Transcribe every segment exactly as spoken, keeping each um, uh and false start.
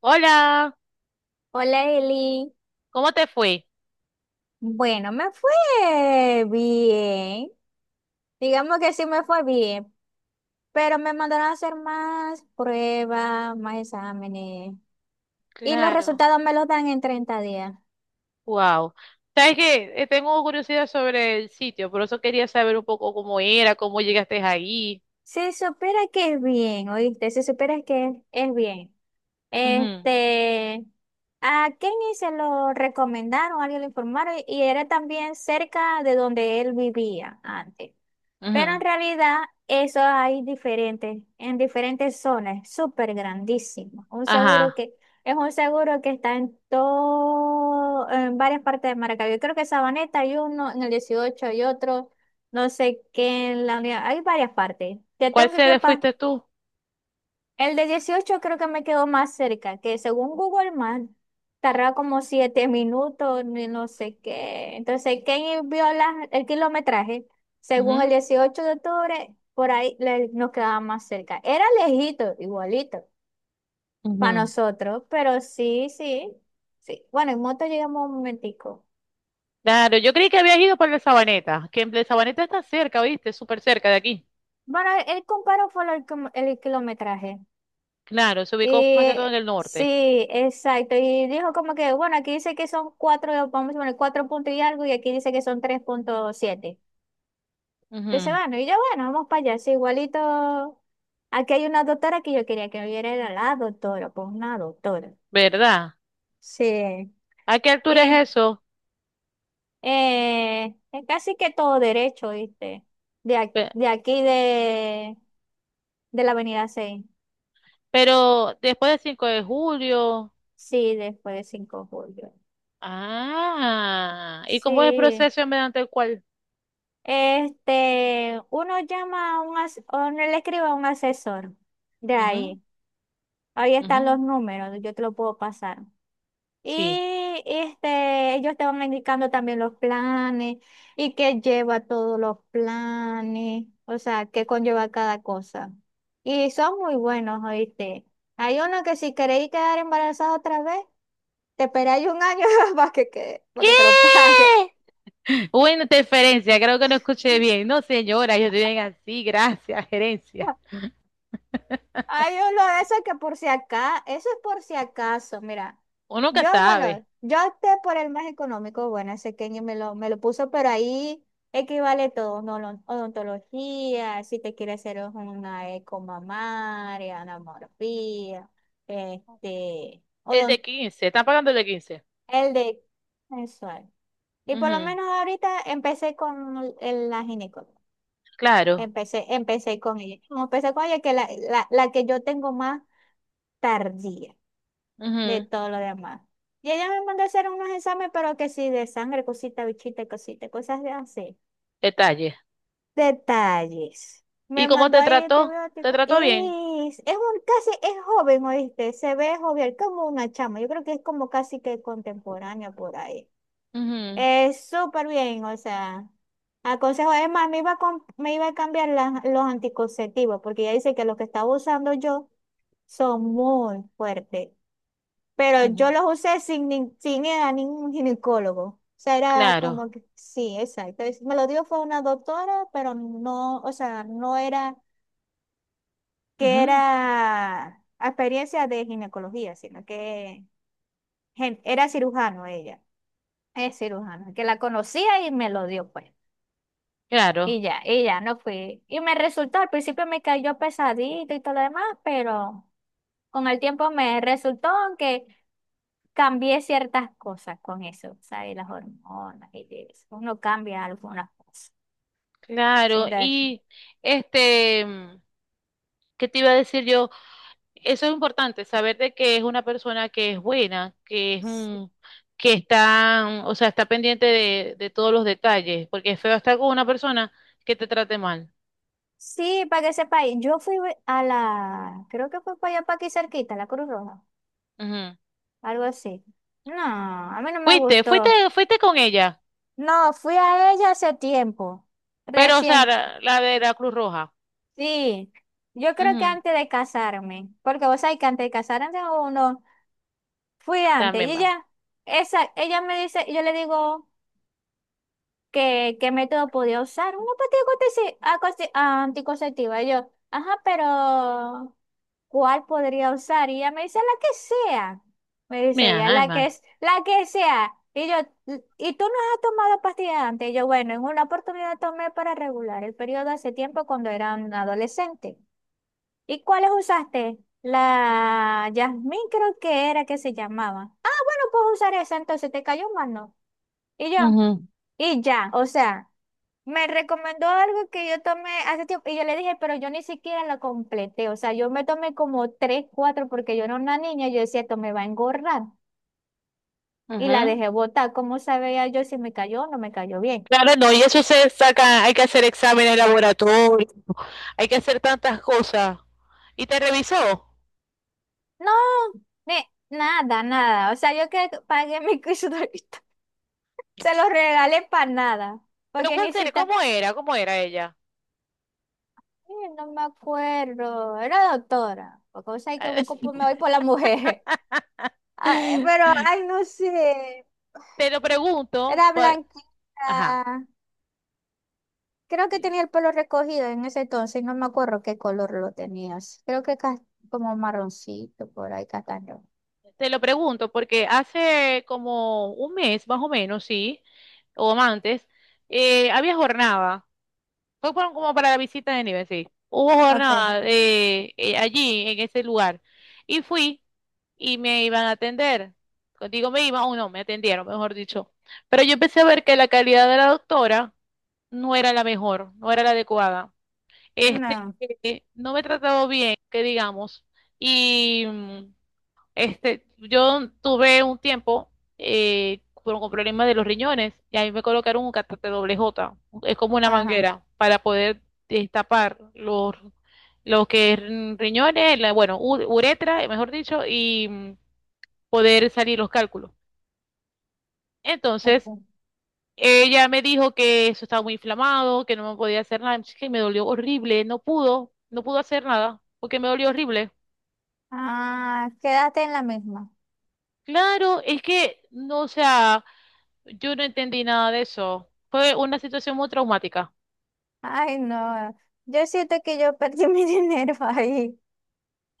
Hola, Hola Eli, ¿cómo te fue? bueno, me fue bien, digamos que sí me fue bien, pero me mandaron a hacer más pruebas, más exámenes y los Claro. resultados me los dan en treinta días. Wow. Sabes que tengo curiosidad sobre el sitio, por eso quería saber un poco cómo era, cómo llegaste ahí. Se supera que es bien, ¿oíste? Se supera que es bien. Ujú. Este, a Kenny se lo recomendaron, alguien lo informaron y era también cerca de donde él vivía antes. Pero Ujú. en realidad eso hay diferentes, en diferentes zonas, súper grandísimo. Un seguro Ajá. que es un seguro que está en todo, en varias partes de Maracaibo. Yo creo que Sabaneta hay uno, en el dieciocho hay otro, no sé qué en la unidad. Hay varias partes. Ya ¿Cuál tengo que sede quepar. fuiste tú? El de dieciocho creo que me quedó más cerca, que según Google Maps tardaba como siete minutos, ni no sé qué. Entonces, ¿quién vio la- el kilometraje? Según el dieciocho de octubre, por ahí le- nos quedaba más cerca. Era lejito, igualito, Ujú. para Ujú. nosotros, pero sí, sí, sí. Bueno, en moto llegamos un momentico. Claro, yo creí que habías ido por la Sabaneta, que en la Sabaneta está cerca, ¿viste? Súper cerca de aquí. Bueno, él comparó fue el, com- el kilometraje. Claro, se ubicó más que Y todo en el norte. sí, exacto. Y dijo como que, bueno, aquí dice que son cuatro, vamos a poner cuatro puntos y algo, y aquí dice que son tres punto siete. Entonces, Ujú. bueno, y yo, bueno, vamos para allá. Sí, igualito. Aquí hay una doctora que yo quería que me viera, era la doctora, pues una doctora. ¿Verdad? Sí. ¿A qué altura es Y, eso? eh, es casi que todo derecho, ¿viste? De, ac- Pe- de aquí de, de la Avenida seis. Pero después del cinco de julio. Sí, después de cinco de julio. Ah, ¿y cómo es el Sí. proceso mediante el cual? Este, uno llama a un, as- o no le escribe a un asesor de Ujú. ahí. Ahí están Ujú. los números, yo te lo puedo pasar. Sí. Y este, ellos te van indicando también los planes y qué lleva todos los planes, o sea, qué conlleva cada cosa. Y son muy buenos, ¿oíste? Hay uno que si queréis quedar embarazada otra vez, te esperáis un año para que, quede- para que te lo ¿Qué? pague. Buena interferencia, creo que no escuché bien. No, señora, yo estoy bien así, gracias, gerencia. Hay uno de esos que por si acá, eso es por si acaso, mira, Uno nunca yo, sabe. bueno, yo opté por el más económico, bueno, ese que me lo, me lo, puso, pero ahí equivale todo, no, lo- odontología, si te quieres hacer una ecomamaria, anamorfía, este, El de odon- quince. ¿Están pagando el de quince? el de mensual. Y por lo Ujú. menos ahorita empecé con el- la ginecóloga, Claro. empecé, empecé con ella, empecé con ella, que la, la, la que yo tengo más tardía. De Ujú. todo lo demás. Y ella me mandó a hacer unos exámenes, pero que sí, de sangre, cosita, bichita, cosita, cosas de así. Detalle. Detalles. ¿Y Me cómo mandó te ahí trató? ¿Te antibiótico. trató bien? Es, es un casi, es joven, ¿oíste? Se ve joven, como una chama. Yo creo que es como casi que contemporánea por ahí. Ujú. Es súper bien, o sea, aconsejo. Es más, me iba a, com- me iba a cambiar la- los anticonceptivos, porque ella dice que los que estaba usando yo son muy fuertes, pero yo Ujú. los usé sin, nin- sin ir a ningún ginecólogo. O sea, era Claro. como que, sí, exacto. Es- Me lo dio fue una doctora, pero no, o sea, no era que Ujú. era experiencia de ginecología, sino que gen- era cirujano ella. Es cirujano, que la conocía y me lo dio, pues. Claro. Y ya, y ya no fui. Y me resultó, al principio me cayó pesadito y todo lo demás, pero con el tiempo me resultó que cambié ciertas cosas con eso, ¿sabes? Las hormonas y eso. Uno cambia algunas cosas. Sí, Claro, entonces, y este, mm, ¿qué te iba a decir yo? Eso es importante, saber de que es una persona que es buena, que es un, que está, mm, o sea, está pendiente de, de todos los detalles, porque es feo estar con una persona que te trate mal. sí, para que sepa, y yo fui a la, creo que fue para allá, para aquí cerquita, la Cruz Roja, Ujú. algo así. No, a mí no me Fuiste, fuiste, gustó. fuiste con ella, No, fui a ella hace tiempo, pero, o sea, recién. la, la de la Cruz Roja. Sí, yo creo que Ujú. antes de casarme, porque vos sabés que antes de casarme uno, fui antes, y También va. ella, esa, ella me dice, yo le digo que qué método podía usar, una pastilla anticonce- acosti- anticonceptiva, y yo, ajá, pero ¿cuál podría usar? Y ella me dice, la que sea, me dice Mira, ella, la que además. es, la que sea, y yo, ¿y tú no has tomado pastillas antes? Y yo, bueno, en una oportunidad tomé para regular el periodo hace tiempo cuando era un adolescente. ¿Y cuáles usaste? La Yasmín creo que era que se llamaba. Ah, bueno, puedo usar esa, entonces te cayó más, ¿no? Y yo, Ujú. y ya, o sea, me recomendó algo que yo tomé hace tiempo y yo le dije, pero yo ni siquiera lo completé, o sea, yo me tomé como tres, cuatro porque yo era una niña, yo decía, esto me va a engordar y la Ujú. dejé botar, ¿cómo sabía yo si me cayó o no me cayó bien? Claro, no, y eso se saca, hay que hacer exámenes laboratorios, hay que hacer tantas cosas. Y te revisó. No, ni, nada, nada, o sea, yo que pagué mi cursito, se lo regalé para nada. Pero Porque ¿cuál ni era? siquiera, ¿Cómo era? ¿Cómo era ella? sí, no me acuerdo, era doctora, porque vos sabés que busco, por- me voy por la mujer. Ah, eh, pero, ay, no sé, Te lo pregunto, era por- ajá, blanquita. Creo que tenía el pelo recogido en ese entonces, no me acuerdo qué color lo tenías. Creo que cas- como marroncito, por ahí, castaño. te lo pregunto porque hace como un mes más o menos, sí, o más antes, eh, había jornada. Fue por- como para la visita de nivel, sí. Hubo Ok, jornada eh, eh, allí, en ese lugar. Y fui, y me iban a atender. Contigo me iban, o no, me atendieron, mejor dicho. Pero yo empecé a ver que la calidad de la doctora no era la mejor, no era la adecuada. Este, no, eh, no me trataba bien, que digamos. Y mm, este, yo tuve un tiempo eh, con, con problemas de los riñones y ahí me colocaron un catéter doble J. Es como una ajá, manguera para poder destapar los, lo que es riñones, la- bueno, u- uretra, mejor dicho, y mm, poder salir los cálculos. Entonces, ok. ella me dijo que eso estaba muy inflamado, que no me podía hacer nada, es que me dolió horrible, no pudo, no pudo hacer nada, porque me dolió horrible. Ah, quédate en la misma. Claro, es que, no, o sea, yo no entendí nada de eso. Fue una situación muy traumática. Ay, no, yo siento que yo perdí mi dinero ahí.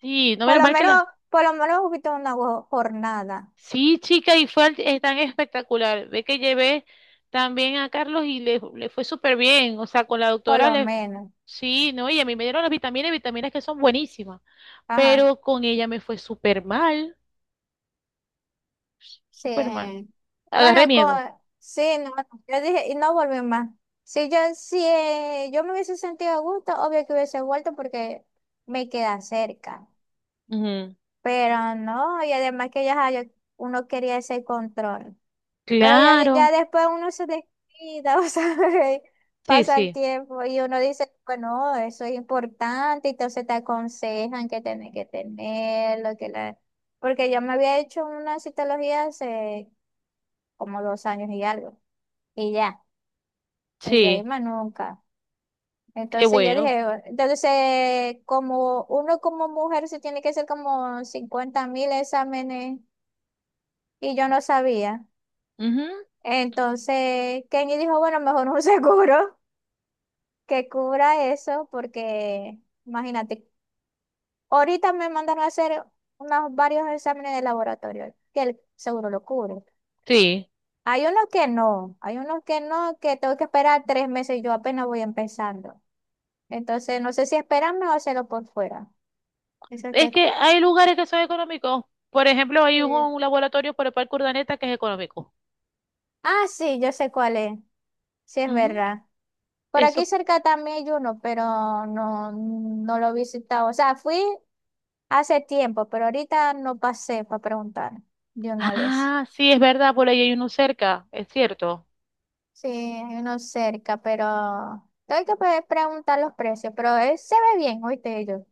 Sí, no Por menos lo mal que menos, la... por lo menos hubiste una go- jornada. Sí, chica, y fue al- eh, tan espectacular. Ve que llevé también a Carlos y le, le fue súper bien. O sea, con la Por doctora lo le... menos. Sí, no, y a mí me dieron las vitaminas, vitaminas que son buenísimas. Ajá. Pero con ella me fue súper mal, Sí. súper mal. Agarré Bueno, con, miedo. sí, no, yo dije, y no volví más. Si yo, si eh, yo me hubiese sentido a gusto, obvio que hubiese vuelto porque me queda cerca. Ujú. Pero no, y además que ya ajá, yo- uno quería ese control. Pero ya, de- Claro, ya después uno se descuida, o sea, sí, pasa el sí, tiempo y uno dice, bueno, eso es importante, entonces te aconsejan que tenés que tenerlo, que la... Porque yo me había hecho una citología hace como dos años y algo, y ya, y de ahí sí, más nunca. qué Entonces yo bueno. dije, "Bueno", entonces eh, como uno como mujer se tiene que hacer como cincuenta mil exámenes y yo no sabía. Ujú. Entonces Kenny dijo, bueno, mejor un seguro que cubra eso, porque imagínate, ahorita me mandaron a hacer unos varios exámenes de laboratorio, que el seguro lo cubre. Sí, Hay unos que no, hay unos que no, que tengo que esperar tres meses, yo apenas voy empezando. Entonces, no sé si esperarme o hacerlo por fuera. Eso es es que... que hay lugares que son económicos. Por ejemplo, hay un, Sí. un laboratorio por el Parque Urdaneta que es económico. Ah, sí, yo sé cuál es, sí es Ujú. verdad. Por aquí Eso. cerca también hay uno, pero no, no lo he visitado. O sea, fui hace tiempo, pero ahorita no pasé para preguntar de una vez. Ah, sí, es verdad, por ahí hay uno cerca, es cierto, Sí, hay uno cerca, pero tengo que poder preguntar los precios, pero él se ve bien, oíste yo.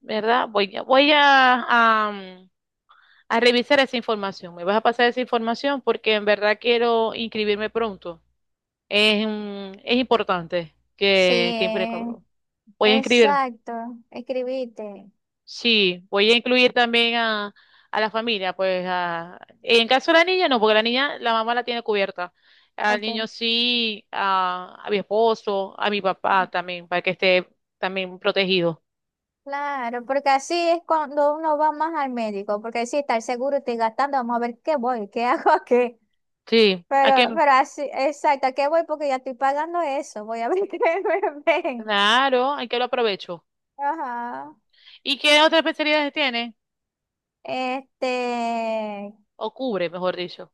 ¿verdad? Voy, a- voy a, a, mm, a revisar esa información. Me vas a pasar esa información porque en verdad quiero inscribirme pronto. Es, mm, es importante que, que Sí, impre- voy a inscribir, exacto, escribiste. sí, voy a incluir también a, a la familia, pues a, en caso de la niña no, porque la niña, la mamá la tiene cubierta. Al niño Ok, sí, a, a mi esposo, a mi papá también, para que esté también protegido. claro, porque así es cuando uno va más al médico, porque si está el seguro, estoy gastando, vamos a ver qué voy, qué hago aquí. Sí, ¿a qué? Pero, pero así, exacto, ¿a qué voy? Porque ya estoy pagando eso, voy a ver qué me ven. Claro, hay que lo aprovecho. Ajá. ¿Y qué otras especialidades tiene? Este, O cubre, mejor dicho.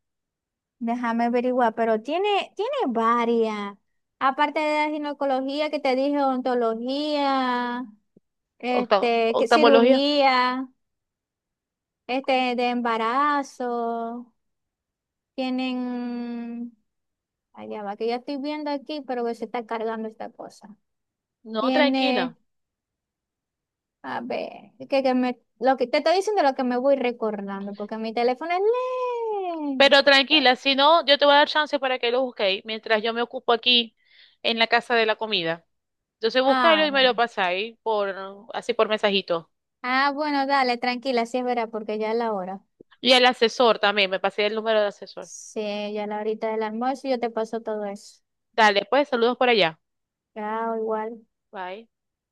Déjame averiguar, pero tiene, tiene varias. Aparte de la ginecología que te dije, ontología, Octa- este, que- oftalmología. cirugía, este, de embarazo, tienen, allá va, que ya estoy viendo aquí, pero que se está cargando esta cosa. No, Tiene, tranquila. a ver, que, que me, lo que te estoy diciendo lo que me voy recordando, porque mi teléfono es Pero lento. tranquila, si no, yo te voy a dar chance para que lo busquéis mientras yo me ocupo aquí en la casa de la comida. Entonces Ah, buscáis y me bueno. lo pasáis por, así por mensajito. Ah, bueno, dale, tranquila, sí es verdad, porque ya es la hora. Y al asesor también, me pasé el número del asesor. Sí, ya a la horita del almuerzo yo te paso todo eso. Dale, pues saludos por allá. Chao, igual. Bye.